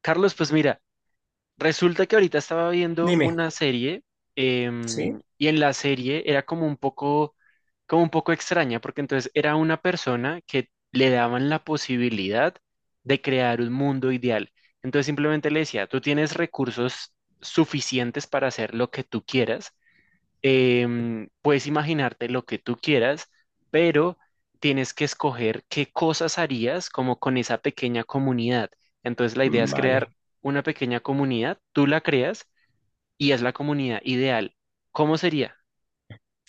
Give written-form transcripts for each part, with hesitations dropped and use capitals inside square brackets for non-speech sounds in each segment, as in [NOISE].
Carlos, pues mira, resulta que ahorita estaba viendo Dime, una serie ¿sí? Y en la serie era como un poco extraña, porque entonces era una persona que le daban la posibilidad de crear un mundo ideal. Entonces simplemente le decía, tú tienes recursos suficientes para hacer lo que tú quieras. Puedes imaginarte lo que tú quieras, pero tienes que escoger qué cosas harías como con esa pequeña comunidad. Entonces la idea es Vale. crear una pequeña comunidad, tú la creas y es la comunidad ideal. ¿Cómo sería?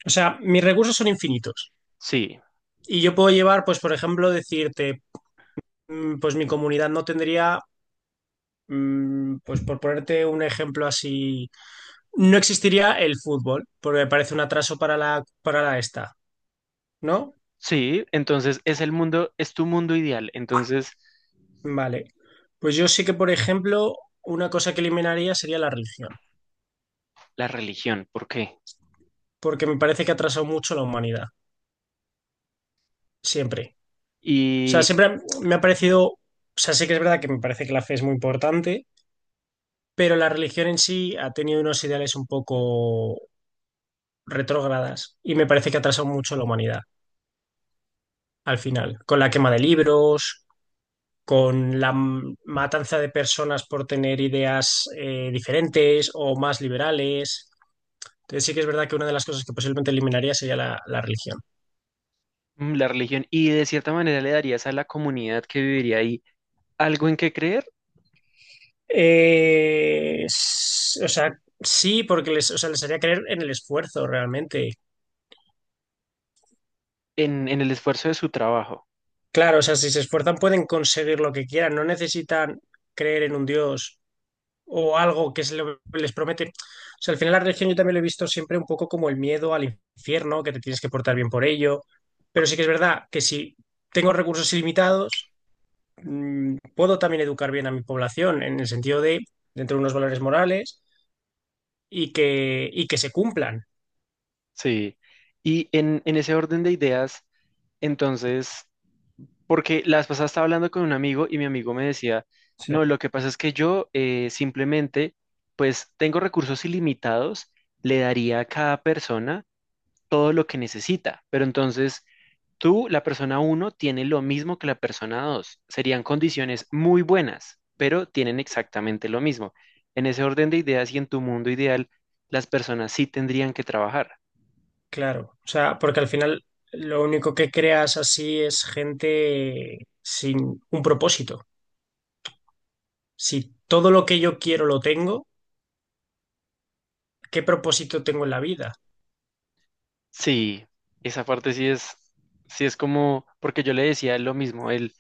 O sea, mis recursos son infinitos. Sí, Y yo puedo llevar, pues, por ejemplo, decirte, pues mi comunidad no tendría, pues, por ponerte un ejemplo así, no existiría el fútbol, porque me parece un atraso para la esta, ¿no? sí, entonces es el mundo, es tu mundo ideal. Entonces Vale. Pues yo sí que, por ejemplo, una cosa que eliminaría sería la religión, la religión, ¿por qué? porque me parece que ha atrasado mucho la humanidad, siempre. O sea, Y siempre me ha parecido, o sea, sí que es verdad que me parece que la fe es muy importante, pero la religión en sí ha tenido unos ideales un poco retrógradas y me parece que ha atrasado mucho a la humanidad al final, con la quema de libros, con la matanza de personas por tener ideas diferentes o más liberales. Entonces sí que es verdad que una de las cosas que posiblemente eliminaría sería la religión. La religión, y de cierta manera le darías a la comunidad que viviría ahí algo en qué creer, O sea, sí, porque les haría creer en el esfuerzo realmente. en el esfuerzo de su trabajo. Claro, o sea, si se esfuerzan pueden conseguir lo que quieran, no necesitan creer en un Dios o algo que se les promete. O sea, al final la religión yo también lo he visto siempre un poco como el miedo al infierno, que te tienes que portar bien por ello. Pero sí que es verdad que si tengo recursos ilimitados, puedo también educar bien a mi población en el sentido de dentro de unos valores morales y que se cumplan. Sí, y en ese orden de ideas, entonces, porque la vez pasada estaba hablando con un amigo y mi amigo me decía, no, Sí, lo que pasa es que yo simplemente, pues tengo recursos ilimitados, le daría a cada persona todo lo que necesita, pero entonces tú, la persona uno, tiene lo mismo que la persona 2, serían condiciones muy buenas, pero tienen exactamente lo mismo. En ese orden de ideas y en tu mundo ideal, las personas sí tendrían que trabajar. claro. O sea, porque al final lo único que creas así es gente sin un propósito. Si todo lo que yo quiero lo tengo, ¿qué propósito tengo en la vida? Sí, esa parte sí es como, porque yo le decía lo mismo,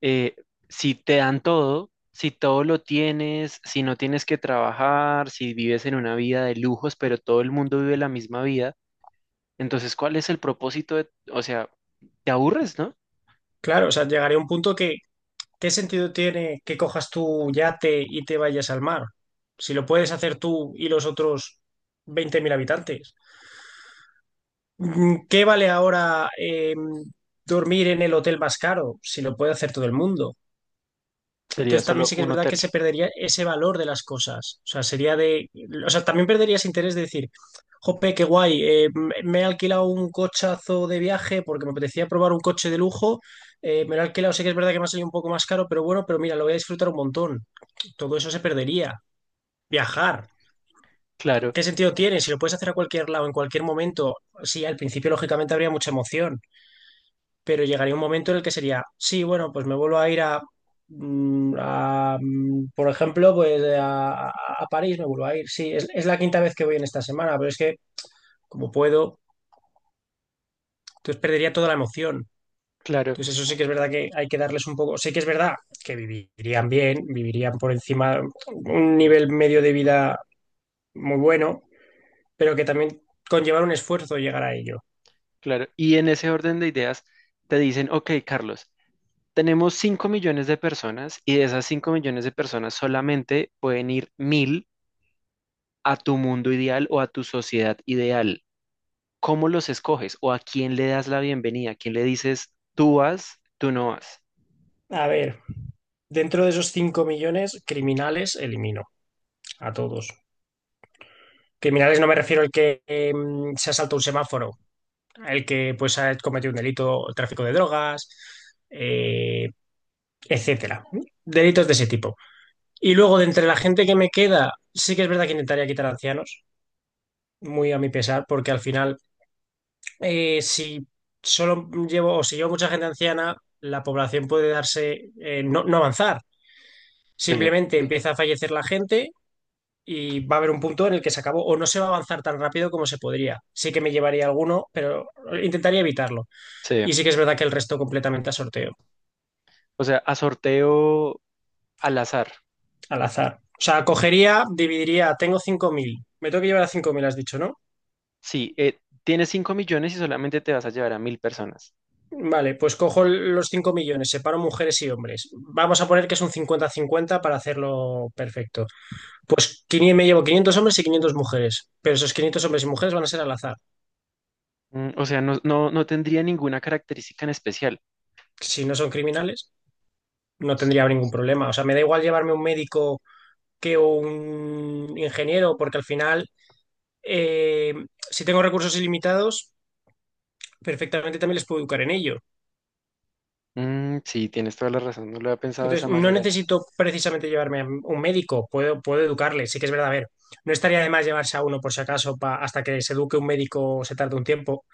eh, si te dan todo, si todo lo tienes, si no tienes que trabajar, si vives en una vida de lujos, pero todo el mundo vive la misma vida, entonces, ¿cuál es el propósito de, o sea, te aburres, ¿no? Claro, o sea, llegaría un punto que, ¿qué sentido tiene que cojas tu yate y te vayas al mar? Si lo puedes hacer tú y los otros 20.000 habitantes. ¿Qué vale ahora dormir en el hotel más caro si lo puede hacer todo el mundo? Sería Entonces también solo sí que es un verdad que hotel. se perdería ese valor de las cosas. O sea, sería de. O sea, también perderías interés de decir, jope, qué guay, me he alquilado un cochazo de viaje porque me apetecía probar un coche de lujo. Me lo he alquilado, sé que es verdad que me ha salido un poco más caro, pero bueno, pero mira, lo voy a disfrutar un montón. Todo eso se perdería. Viajar, Claro, ¿qué sentido tiene? Si lo puedes hacer a cualquier lado, en cualquier momento, sí, al principio lógicamente habría mucha emoción, pero llegaría un momento en el que sería, sí, bueno, pues me vuelvo a ir a por ejemplo, pues a París me vuelvo a ir. Sí, es la quinta vez que voy en esta semana, pero es que como puedo, entonces perdería toda la emoción. claro, Entonces eso sí que es verdad que hay que darles un poco, sí que es verdad que vivirían bien, vivirían por encima un nivel medio de vida muy bueno, pero que también conllevar un esfuerzo llegar a ello. claro. Y en ese orden de ideas, te dicen, ok, Carlos, tenemos 5 millones de personas y de esas 5 millones de personas solamente pueden ir 1.000 a tu mundo ideal o a tu sociedad ideal. ¿Cómo los escoges o a quién le das la bienvenida? ¿A quién le dices tú vas, tú no vas? A ver, dentro de esos 5 millones criminales elimino a todos. Criminales no me refiero al que se ha saltado un semáforo, el que pues ha cometido un delito, tráfico de drogas, eh, etcétera. ¿No? Delitos de ese tipo. Y luego, de entre la gente que me queda, sí que es verdad que intentaría quitar ancianos, muy a mi pesar, porque al final, si solo llevo o si llevo mucha gente anciana, la población puede darse, no, no avanzar. Sí, Simplemente empieza a fallecer la gente y va a haber un punto en el que se acabó o no se va a avanzar tan rápido como se podría. Sí que me llevaría alguno, pero intentaría evitarlo. sí, Y sí que es verdad que el resto completamente a sorteo, o sea, a sorteo al azar. al azar. O sea, cogería, dividiría, tengo 5.000, me tengo que llevar a 5.000, has dicho, ¿no? Sí, tienes 5 millones y solamente te vas a llevar a 1.000 personas. Vale, pues cojo los 5 millones, separo mujeres y hombres. Vamos a poner que es un 50 cincuenta para hacerlo perfecto. Pues quinientos, me llevo 500 hombres y 500 mujeres, pero esos 500 hombres y mujeres van a ser al azar. O sea, no, no, no tendría ninguna característica en especial. Si no son criminales, no tendría ningún problema. O sea, me da igual llevarme un médico que un ingeniero, porque al final, eh, si tengo recursos ilimitados, perfectamente también les puedo educar en ello. Mm, sí, tienes toda la razón, no lo había pensado de esa Entonces, no manera. necesito precisamente llevarme a un médico, puedo educarle, sí que es verdad, a ver, no estaría de más llevarse a uno por si acaso hasta que se eduque un médico se tarde un tiempo,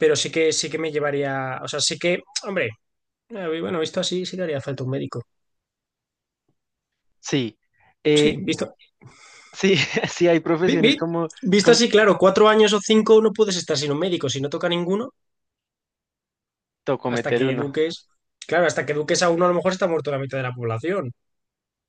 pero sí que me llevaría, o sea, sí que, hombre, bueno, visto así sí que haría falta un médico. Sí, eh, Sí, visto. sí, [LAUGHS] sí hay vi- profesiones vi- como, Visto como así, claro, 4 años o cinco no puedes estar sin un médico, si no toca ninguno. tocó Hasta meter que uno. eduques, claro, hasta que eduques a uno a lo mejor está muerto la mitad de la población.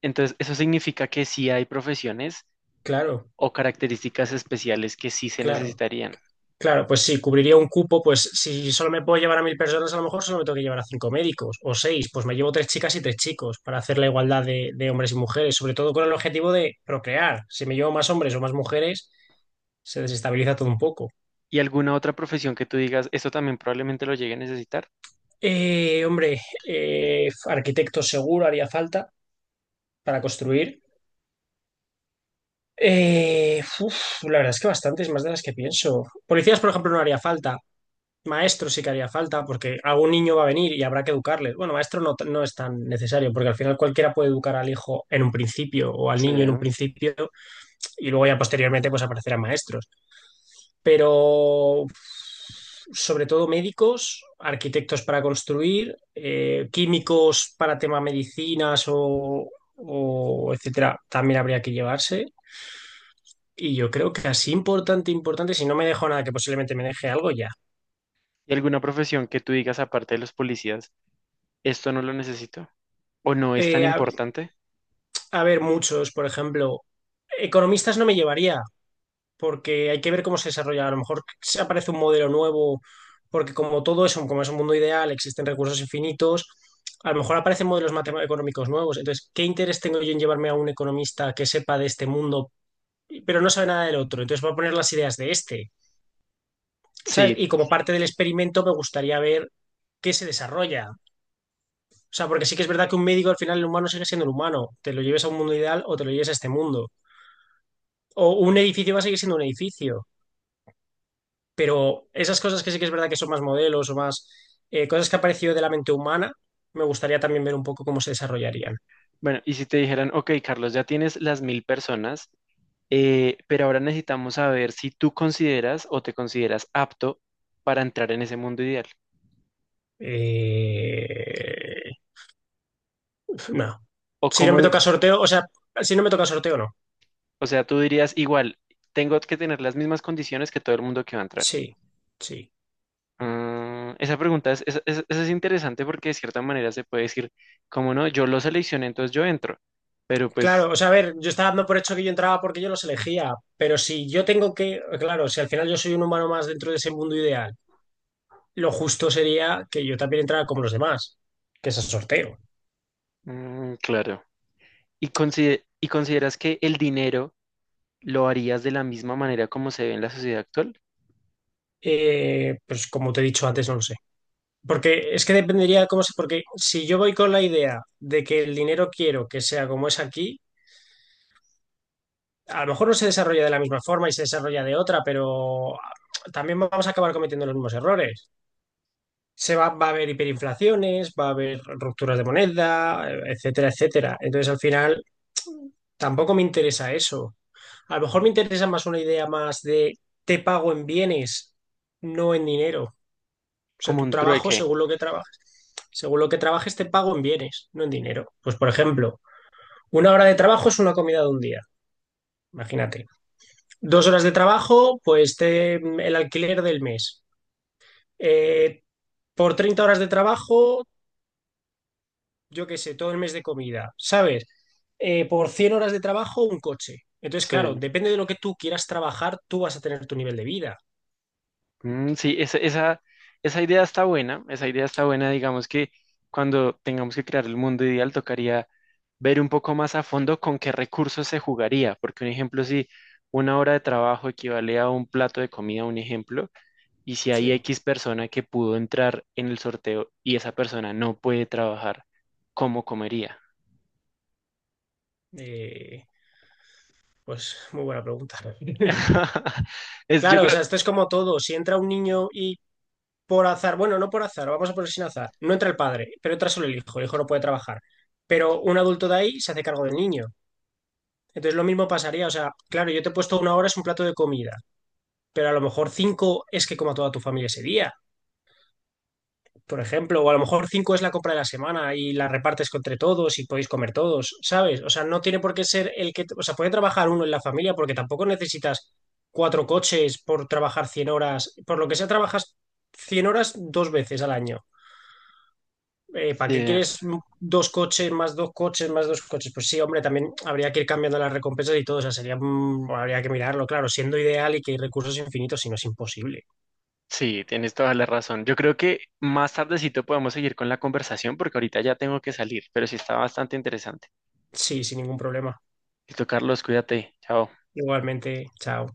Entonces, eso significa que sí hay profesiones Claro, o características especiales que sí se claro, necesitarían. claro, pues sí, cubriría un cupo, pues si solo me puedo llevar a 1.000 personas, a lo mejor solo me tengo que llevar a cinco médicos o seis, pues me llevo tres chicas y tres chicos para hacer la igualdad de hombres y mujeres, sobre todo con el objetivo de procrear. Si me llevo más hombres o más mujeres, se desestabiliza todo un poco. ¿Y alguna otra profesión que tú digas, esto también probablemente lo llegue a necesitar? Hombre, arquitecto seguro haría falta para construir. La verdad es que bastantes más de las que pienso. Policías, por ejemplo, no haría falta. Maestro sí que haría falta, porque algún niño va a venir y habrá que educarle. Bueno, maestro no, no es tan necesario, porque al final cualquiera puede educar al hijo en un principio o al Sí. niño en un principio y luego ya posteriormente pues aparecerán maestros. Pero sobre todo médicos, arquitectos para construir, químicos para tema medicinas o etcétera, también habría que llevarse. Y yo creo que así importante, importante, si no me dejo nada, que posiblemente me deje algo ya. ¿Y alguna profesión que tú digas, aparte de los policías, esto no lo necesito? ¿O no es tan Eh, importante? A ver, muchos, por ejemplo, economistas no me llevaría, porque hay que ver cómo se desarrolla. A lo mejor se aparece un modelo nuevo, porque como todo eso, como es un mundo ideal, existen recursos infinitos, a lo mejor aparecen modelos matemáticos económicos nuevos. Entonces, ¿qué interés tengo yo en llevarme a un economista que sepa de este mundo, pero no sabe nada del otro? Entonces, voy a poner las ideas de este, ¿sabes? Sí. Y como parte del experimento, me gustaría ver qué se desarrolla. O sea, porque sí que es verdad que un médico al final el humano sigue siendo el humano. Te lo lleves a un mundo ideal o te lo lleves a este mundo, o un edificio va a seguir siendo un edificio, pero esas cosas que sí que es verdad que son más modelos o más cosas que han aparecido de la mente humana, me gustaría también ver un poco cómo se desarrollarían. Bueno, y si te dijeran, ok, Carlos, ya tienes las 1.000 personas, pero ahora necesitamos saber si tú consideras o te consideras apto para entrar en ese mundo ideal. Eh, no. O Si no cómo, me de- toca sorteo, o sea, si no me toca sorteo, no. O sea, tú dirías igual, tengo que tener las mismas condiciones que todo el mundo que va a entrar. Sí, sí. Mm, esa pregunta es, esa es interesante porque de cierta manera se puede decir, como no, yo lo seleccioné, entonces yo entro. Pero Claro, pues, o sea, a ver, yo estaba dando por hecho que yo entraba porque yo los elegía, pero si yo tengo que, claro, si al final yo soy un humano más dentro de ese mundo ideal, lo justo sería que yo también entrara como los demás, que es el sorteo. mm, claro. ¿Y consideras que el dinero lo harías de la misma manera como se ve en la sociedad actual? Pues como te he dicho antes, no lo sé. Porque es que dependería de cómo se... Porque si yo voy con la idea de que el dinero quiero que sea como es aquí, a lo mejor no se desarrolla de la misma forma y se desarrolla de otra, pero también vamos a acabar cometiendo los mismos errores. Va a haber hiperinflaciones, va a haber rupturas de moneda, etcétera, etcétera. Entonces, al final, tampoco me interesa eso. A lo mejor me interesa más una idea más de te pago en bienes, no en dinero. O sea, Como tu un trabajo, trueque. según lo que trabajes, según lo que trabajes, te pago en bienes, no en dinero. Pues, por ejemplo, una hora de trabajo es una comida de un día, imagínate. 2 horas de trabajo, pues te, el alquiler del mes. Eh, por 30 horas de trabajo, yo qué sé, todo el mes de comida, ¿sabes? Por 100 horas de trabajo, un coche. Entonces, Sí. claro, depende de lo que tú quieras trabajar, tú vas a tener tu nivel de vida. Mm, sí, esa idea está buena, esa idea está buena, digamos que cuando tengamos que crear el mundo ideal tocaría ver un poco más a fondo con qué recursos se jugaría, porque un ejemplo, si una hora de trabajo equivale a un plato de comida, un ejemplo, y si hay Sí. X persona que pudo entrar en el sorteo y esa persona no puede trabajar, ¿cómo comería? Eh, pues muy buena pregunta. [LAUGHS] [LAUGHS] Es, yo Claro, o creo, sea, esto es como todo. Si entra un niño y por azar, bueno, no por azar, vamos a poner sin azar, no entra el padre, pero entra solo el hijo no puede trabajar, pero un adulto de ahí se hace cargo del niño. Entonces lo mismo pasaría, o sea, claro, yo te he puesto una hora es un plato de comida, pero a lo mejor cinco es que coma toda tu familia ese día, por ejemplo, o a lo mejor cinco es la compra de la semana y la repartes entre todos y podéis comer todos, ¿sabes? O sea, no tiene por qué ser el que, o sea, puede trabajar uno en la familia porque tampoco necesitas cuatro coches por trabajar 100 horas, por lo que sea, trabajas 100 horas dos veces al año. ¿Para qué sí, quieres dos coches, más dos coches, más dos coches? Pues sí, hombre, también habría que ir cambiando las recompensas y todo, o sea, sería, habría que mirarlo, claro, siendo ideal y que hay recursos infinitos, si no es imposible. sí, tienes toda la razón. Yo creo que más tardecito podemos seguir con la conversación porque ahorita ya tengo que salir, pero sí está bastante interesante. Sí, sin ningún problema. Listo, Carlos, cuídate. Chao. Igualmente, chao.